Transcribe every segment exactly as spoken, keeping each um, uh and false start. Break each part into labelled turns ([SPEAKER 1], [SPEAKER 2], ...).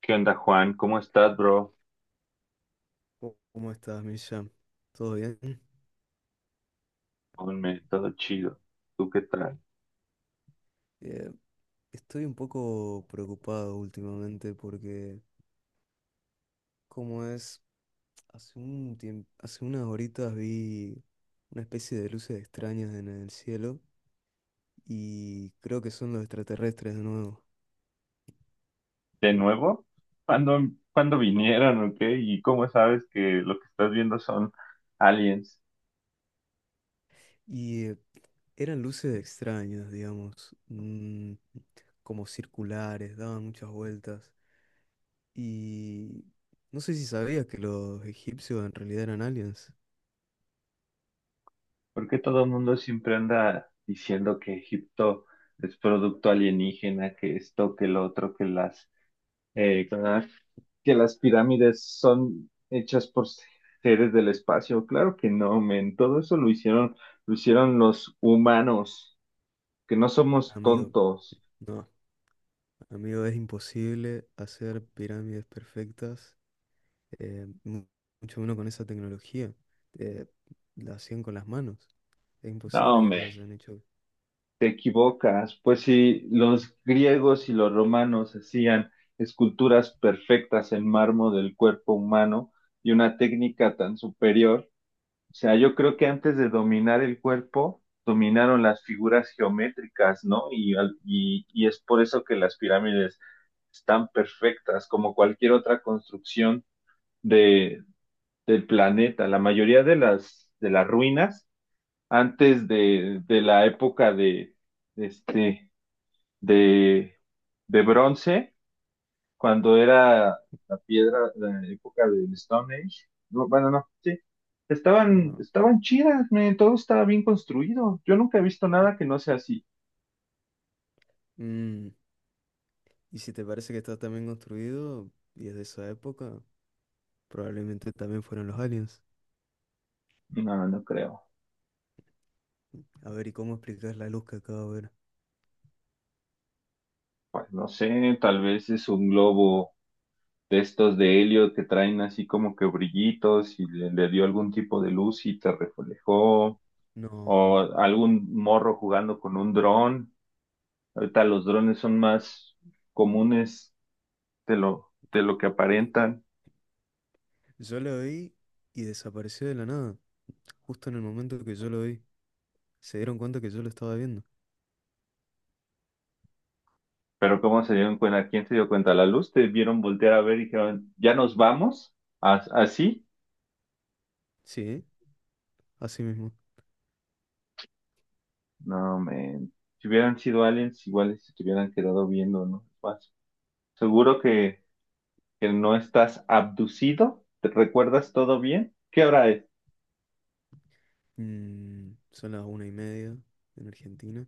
[SPEAKER 1] ¿Qué onda, Juan? ¿Cómo estás, bro?
[SPEAKER 2] Oh, ¿cómo estás, Misha? ¿Todo bien?
[SPEAKER 1] Hombre, todo chido. ¿Tú qué tal?
[SPEAKER 2] Eh, Estoy un poco preocupado últimamente porque, como es, hace un tiemp- hace unas horitas vi una especie de luces extrañas en el cielo y creo que son los extraterrestres de nuevo.
[SPEAKER 1] ¿De nuevo? ¿Cuándo, ¿Cuándo vinieron o qué? ¿Y cómo sabes que lo que estás viendo son aliens?
[SPEAKER 2] Y eh, eran luces extrañas, digamos, mm, como circulares, daban muchas vueltas. Y no sé si sabías que los egipcios en realidad eran aliens,
[SPEAKER 1] ¿Por qué todo el mundo siempre anda diciendo que Egipto es producto alienígena, que esto, que lo otro, que las, eh, que las que las pirámides son hechas por seres del espacio? Claro que no, men. Todo eso lo hicieron, Lo hicieron los humanos, que no somos
[SPEAKER 2] amigo.
[SPEAKER 1] tontos.
[SPEAKER 2] No. Amigo, es imposible hacer pirámides perfectas, eh, mu- mucho menos con esa tecnología. Eh, la hacían con las manos. Es
[SPEAKER 1] No,
[SPEAKER 2] imposible que lo
[SPEAKER 1] hombre,
[SPEAKER 2] hayan hecho.
[SPEAKER 1] te equivocas. Pues si los griegos y los romanos hacían esculturas perfectas en mármol del cuerpo humano y una técnica tan superior, o sea, yo creo que antes de dominar el cuerpo, dominaron las figuras geométricas, ¿no? Y, al- y, y es por eso que las pirámides están perfectas, como cualquier otra construcción de, del planeta. La mayoría de las, de las ruinas antes de, de la época de, de este, de, de bronce, cuando era la piedra, la época del Stone Age. No, bueno, no, sí. Estaban,
[SPEAKER 2] No.
[SPEAKER 1] estaban chidas, men, todo estaba bien construido. Yo nunca he visto nada que no sea así.
[SPEAKER 2] Mm, Y si te parece que está tan bien construido y es de esa época, probablemente también fueron los aliens.
[SPEAKER 1] No, no creo.
[SPEAKER 2] A ver, ¿y cómo explicar la luz que acabo de ver?
[SPEAKER 1] Pues no sé, tal vez es un globo de estos de helio que traen así como que brillitos y le, le dio algún tipo de luz y te reflejó.
[SPEAKER 2] No,
[SPEAKER 1] O
[SPEAKER 2] no.
[SPEAKER 1] algún morro jugando con un dron. Ahorita los drones son más comunes de lo, de lo que aparentan,
[SPEAKER 2] Yo lo vi y desapareció de la nada, justo en el momento que yo lo vi. Se dieron cuenta que yo lo estaba viendo.
[SPEAKER 1] pero ¿cómo se dieron cuenta? ¿Quién se dio cuenta? ¿La luz? ¿Te vieron voltear a ver y dijeron, ya nos vamos? ¿As- Así?
[SPEAKER 2] Sí, así mismo.
[SPEAKER 1] No, men. Si hubieran sido aliens, iguales se te hubieran quedado viendo, ¿no? Más. Seguro que, que no estás abducido. ¿Te recuerdas todo bien? ¿Qué hora es?
[SPEAKER 2] Mm, son las una y media en Argentina.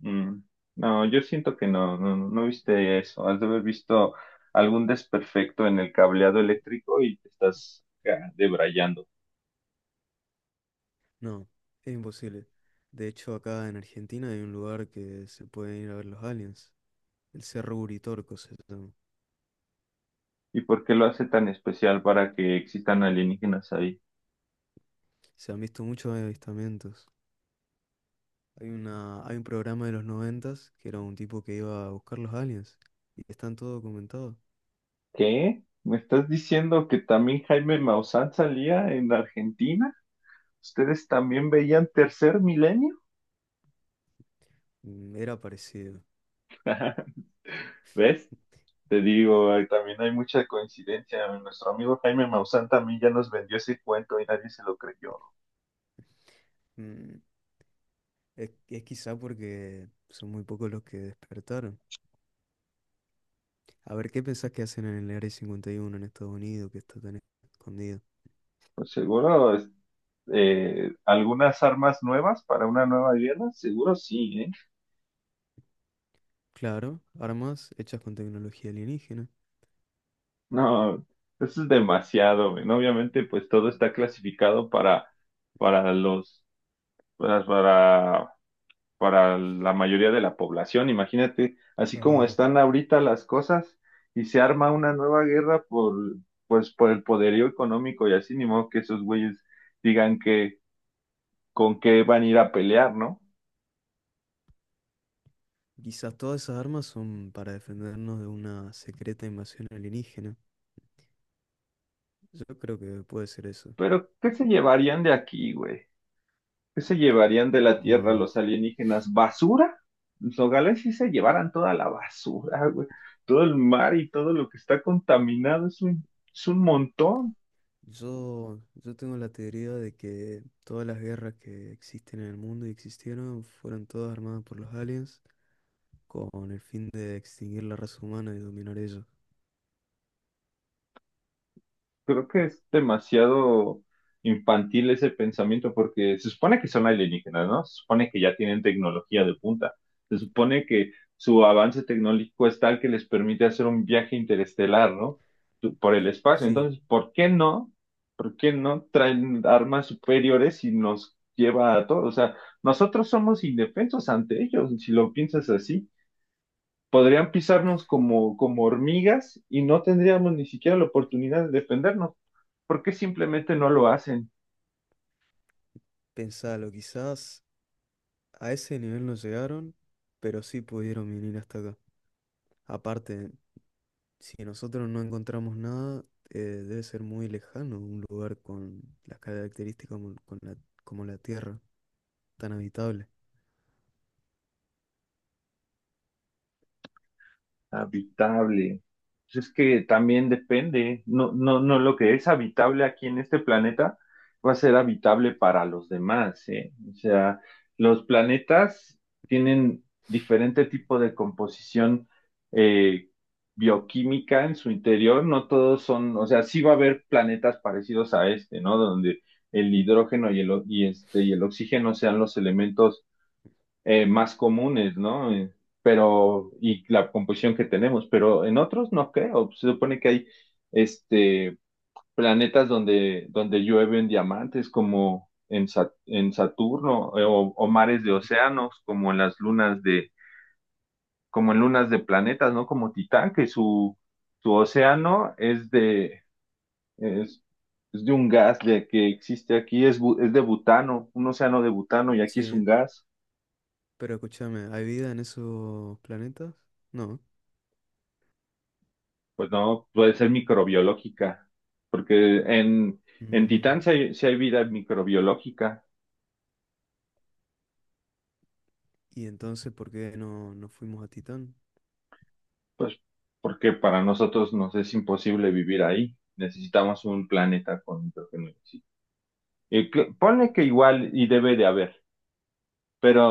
[SPEAKER 1] Mm, no, yo siento que no, no, no viste eso. Has de haber visto algún desperfecto en el cableado eléctrico y te estás acá debrayando.
[SPEAKER 2] No, es imposible. De hecho, acá en Argentina hay un lugar que se pueden ir a ver los aliens. El Cerro Uritorco se llama.
[SPEAKER 1] ¿Y por qué lo hace tan especial para que existan alienígenas ahí?
[SPEAKER 2] Se han visto muchos avistamientos. Hay una, hay un programa de los noventas que era un tipo que iba a buscar los aliens. Y están todo documentado.
[SPEAKER 1] ¿Qué? ¿Me estás diciendo que también Jaime Maussan salía en Argentina? ¿Ustedes también veían Tercer Milenio?
[SPEAKER 2] Mm, Era parecido.
[SPEAKER 1] ¿Ves? Te digo, hay- también hay mucha coincidencia. Nuestro amigo Jaime Maussan también ya nos vendió ese cuento y nadie se lo creyó.
[SPEAKER 2] Mm, Es, es quizá porque son muy pocos los que despertaron. A ver, ¿qué pensás que hacen en el Área cincuenta y uno en Estados Unidos que está tan escondido?
[SPEAKER 1] Pues seguro, es- eh, algunas armas nuevas para una nueva guerra, seguro sí, ¿eh?
[SPEAKER 2] Claro, armas hechas con tecnología alienígena.
[SPEAKER 1] No, eso es demasiado, men. Obviamente, pues todo está clasificado para, para los, para, para, para la mayoría de la población. Imagínate, así como
[SPEAKER 2] Ah,
[SPEAKER 1] están ahorita las cosas y se arma una nueva guerra por, pues, por el poderío económico y así, ni modo que esos güeyes digan que con qué van a ir a pelear, ¿no?
[SPEAKER 2] quizás todas esas armas son para defendernos de una secreta invasión alienígena. Yo creo que puede ser eso.
[SPEAKER 1] Pero, ¿qué se llevarían de aquí, güey? ¿Qué se llevarían de la Tierra
[SPEAKER 2] Mm,
[SPEAKER 1] los alienígenas? ¿Basura? Los nogales sí se llevaran toda la basura, güey. Todo el mar y todo lo que está contaminado es un, es un montón.
[SPEAKER 2] Yo, yo tengo la teoría de que todas las guerras que existen en el mundo y existieron fueron todas armadas por los aliens con el fin de extinguir la raza humana y dominar ellos.
[SPEAKER 1] Creo que es demasiado infantil ese pensamiento porque se supone que son alienígenas, ¿no? Se supone que ya tienen tecnología de punta. Se supone que su avance tecnológico es tal que les permite hacer un viaje interestelar, ¿no? Tu- Por el espacio.
[SPEAKER 2] Sí,
[SPEAKER 1] Entonces, ¿por qué no? ¿Por qué no traen armas superiores y nos lleva a todos? O sea, nosotros somos indefensos ante ellos, si lo piensas así podrían pisarnos como, como hormigas y no tendríamos ni siquiera la oportunidad de defendernos, porque simplemente no lo hacen.
[SPEAKER 2] pensalo, quizás a ese nivel no llegaron, pero sí pudieron venir hasta acá. Aparte, si nosotros no encontramos nada, eh, debe ser muy lejano un lugar con las características como, con la, como la Tierra, tan habitable.
[SPEAKER 1] Habitable. Pues es que también depende. No, no, no, lo que es habitable aquí en este planeta va a ser habitable para los demás, ¿eh? O sea, los planetas tienen diferente tipo de composición eh, bioquímica en su interior. No todos son, o sea, sí va a haber planetas parecidos a este, ¿no? Donde el hidrógeno y el, o- y este, y el oxígeno sean los elementos eh, más comunes, ¿no? Eh, Pero, y la composición que tenemos, pero en otros no creo. Se supone que hay este planetas donde, donde llueven diamantes, como en, Sa- en Saturno, eh, o, o mares de
[SPEAKER 2] Mm,
[SPEAKER 1] océanos, como en las lunas de, como en lunas de planetas, ¿no? Como Titán, que su, su océano es de, es, es de un gas de, que existe aquí, es, bu- es de butano, un océano de butano, y aquí es un
[SPEAKER 2] Sí,
[SPEAKER 1] gas.
[SPEAKER 2] pero escúchame, ¿hay vida en esos planetas? No.
[SPEAKER 1] Pues no, puede ser microbiológica, porque en, en
[SPEAKER 2] Mm,
[SPEAKER 1] Titán sí hay, sí hay vida microbiológica,
[SPEAKER 2] ¿Y entonces por qué no, no fuimos a Titán?
[SPEAKER 1] pues porque para nosotros nos es imposible vivir ahí. Necesitamos un planeta con hidrógeno. Sí. Y cl- ponle que igual y debe de haber,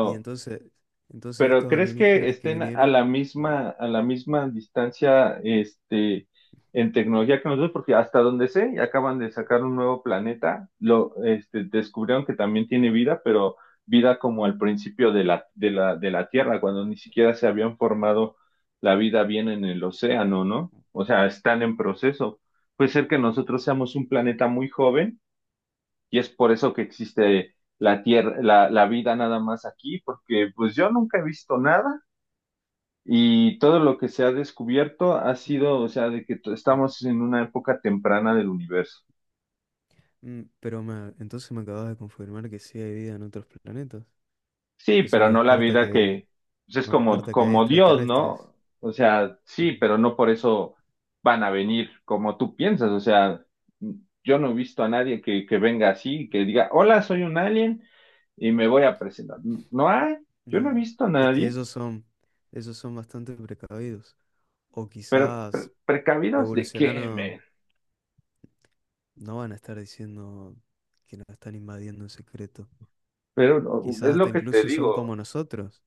[SPEAKER 2] Y entonces, entonces
[SPEAKER 1] Pero
[SPEAKER 2] estos
[SPEAKER 1] ¿crees que
[SPEAKER 2] alienígenas que
[SPEAKER 1] estén a
[SPEAKER 2] vinieron,
[SPEAKER 1] la
[SPEAKER 2] bueno,
[SPEAKER 1] misma, a la misma distancia, este, en tecnología que nosotros? Porque hasta donde sé, acaban de sacar un nuevo planeta, lo, este, descubrieron que también tiene vida, pero vida como al principio de la, de la, de la Tierra, cuando ni siquiera se habían formado la vida bien en el océano, ¿no? O sea, están en proceso. Puede ser que nosotros seamos un planeta muy joven y es por eso que existe la tierra, la, la vida nada más aquí, porque pues yo nunca he visto nada y todo lo que se ha descubierto ha sido, o sea, de que t-
[SPEAKER 2] en-
[SPEAKER 1] estamos en una época temprana del universo.
[SPEAKER 2] mm, pero me- entonces me acabas de confirmar que sí hay vida en otros planetas.
[SPEAKER 1] Sí,
[SPEAKER 2] Eso
[SPEAKER 1] pero
[SPEAKER 2] no
[SPEAKER 1] no la
[SPEAKER 2] descarta
[SPEAKER 1] vida
[SPEAKER 2] que,
[SPEAKER 1] que pues, es
[SPEAKER 2] no
[SPEAKER 1] como,
[SPEAKER 2] descarta que hay
[SPEAKER 1] como Dios,
[SPEAKER 2] extraterrestres.
[SPEAKER 1] ¿no? O sea, sí, pero no por eso van a venir como tú piensas. O sea, yo no he visto a nadie que, que venga así, que diga, hola, soy un alien y me voy a presentar. No, no hay, yo no he
[SPEAKER 2] No,
[SPEAKER 1] visto a
[SPEAKER 2] es que
[SPEAKER 1] nadie.
[SPEAKER 2] ellos son, ellos son bastante precavidos. O quizás
[SPEAKER 1] ¿Precavidos de qué,
[SPEAKER 2] evolucionaron,
[SPEAKER 1] men?
[SPEAKER 2] no van a estar diciendo que nos están invadiendo en secreto.
[SPEAKER 1] Pero no, es
[SPEAKER 2] Quizás
[SPEAKER 1] lo
[SPEAKER 2] hasta
[SPEAKER 1] que te
[SPEAKER 2] incluso son como
[SPEAKER 1] digo.
[SPEAKER 2] nosotros,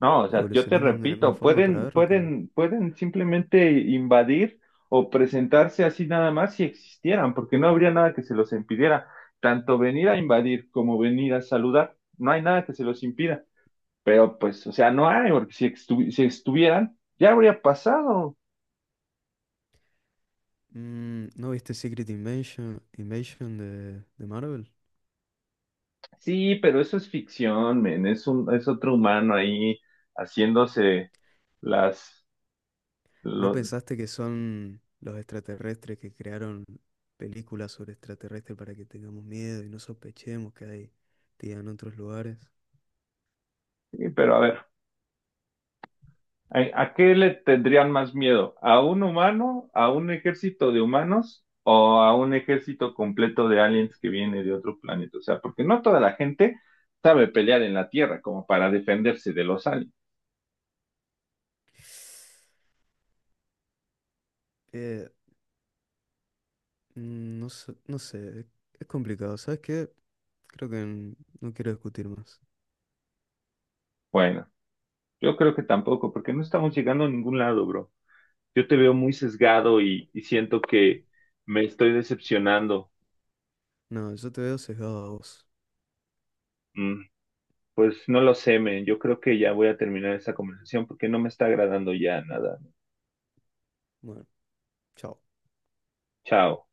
[SPEAKER 1] No, o sea, yo te
[SPEAKER 2] evolucionando de la misma
[SPEAKER 1] repito,
[SPEAKER 2] forma para
[SPEAKER 1] pueden,
[SPEAKER 2] vernos con... lo-
[SPEAKER 1] pueden, pueden simplemente invadir o presentarse así nada más si existieran, porque no habría nada que se los impidiera. Tanto venir a invadir como venir a saludar, no hay nada que se los impida. Pero pues, o sea, no hay, porque si, estu- si estuvieran, ya habría pasado.
[SPEAKER 2] Mm, ¿no viste Secret Invasion, Invasion de, de Marvel?
[SPEAKER 1] Sí, pero eso es ficción, men, es un, es otro humano ahí haciéndose las,
[SPEAKER 2] ¿No
[SPEAKER 1] lo-
[SPEAKER 2] pensaste que son los extraterrestres que crearon películas sobre extraterrestres para que tengamos miedo y no sospechemos que hay vida en otros lugares?
[SPEAKER 1] Sí, pero a ver. ¿A, a qué le tendrían más miedo? ¿A un humano, a un ejército de humanos o a un ejército completo de aliens que viene de otro planeta? O sea, porque no toda la gente sabe pelear en la Tierra como para defenderse de los aliens.
[SPEAKER 2] Eh, mm, no sé, no sé, es es complicado. ¿Sabes qué? Creo que n- no quiero discutir más.
[SPEAKER 1] Bueno, yo creo que tampoco, porque no estamos llegando a ningún lado, bro. Yo te veo muy sesgado y, y siento que me estoy decepcionando.
[SPEAKER 2] No, yo te veo sesgado a vos.
[SPEAKER 1] Mm, pues no lo sé, men. Yo creo que ya voy a terminar esta conversación porque no me está agradando ya nada.
[SPEAKER 2] Bueno, chao.
[SPEAKER 1] Chao.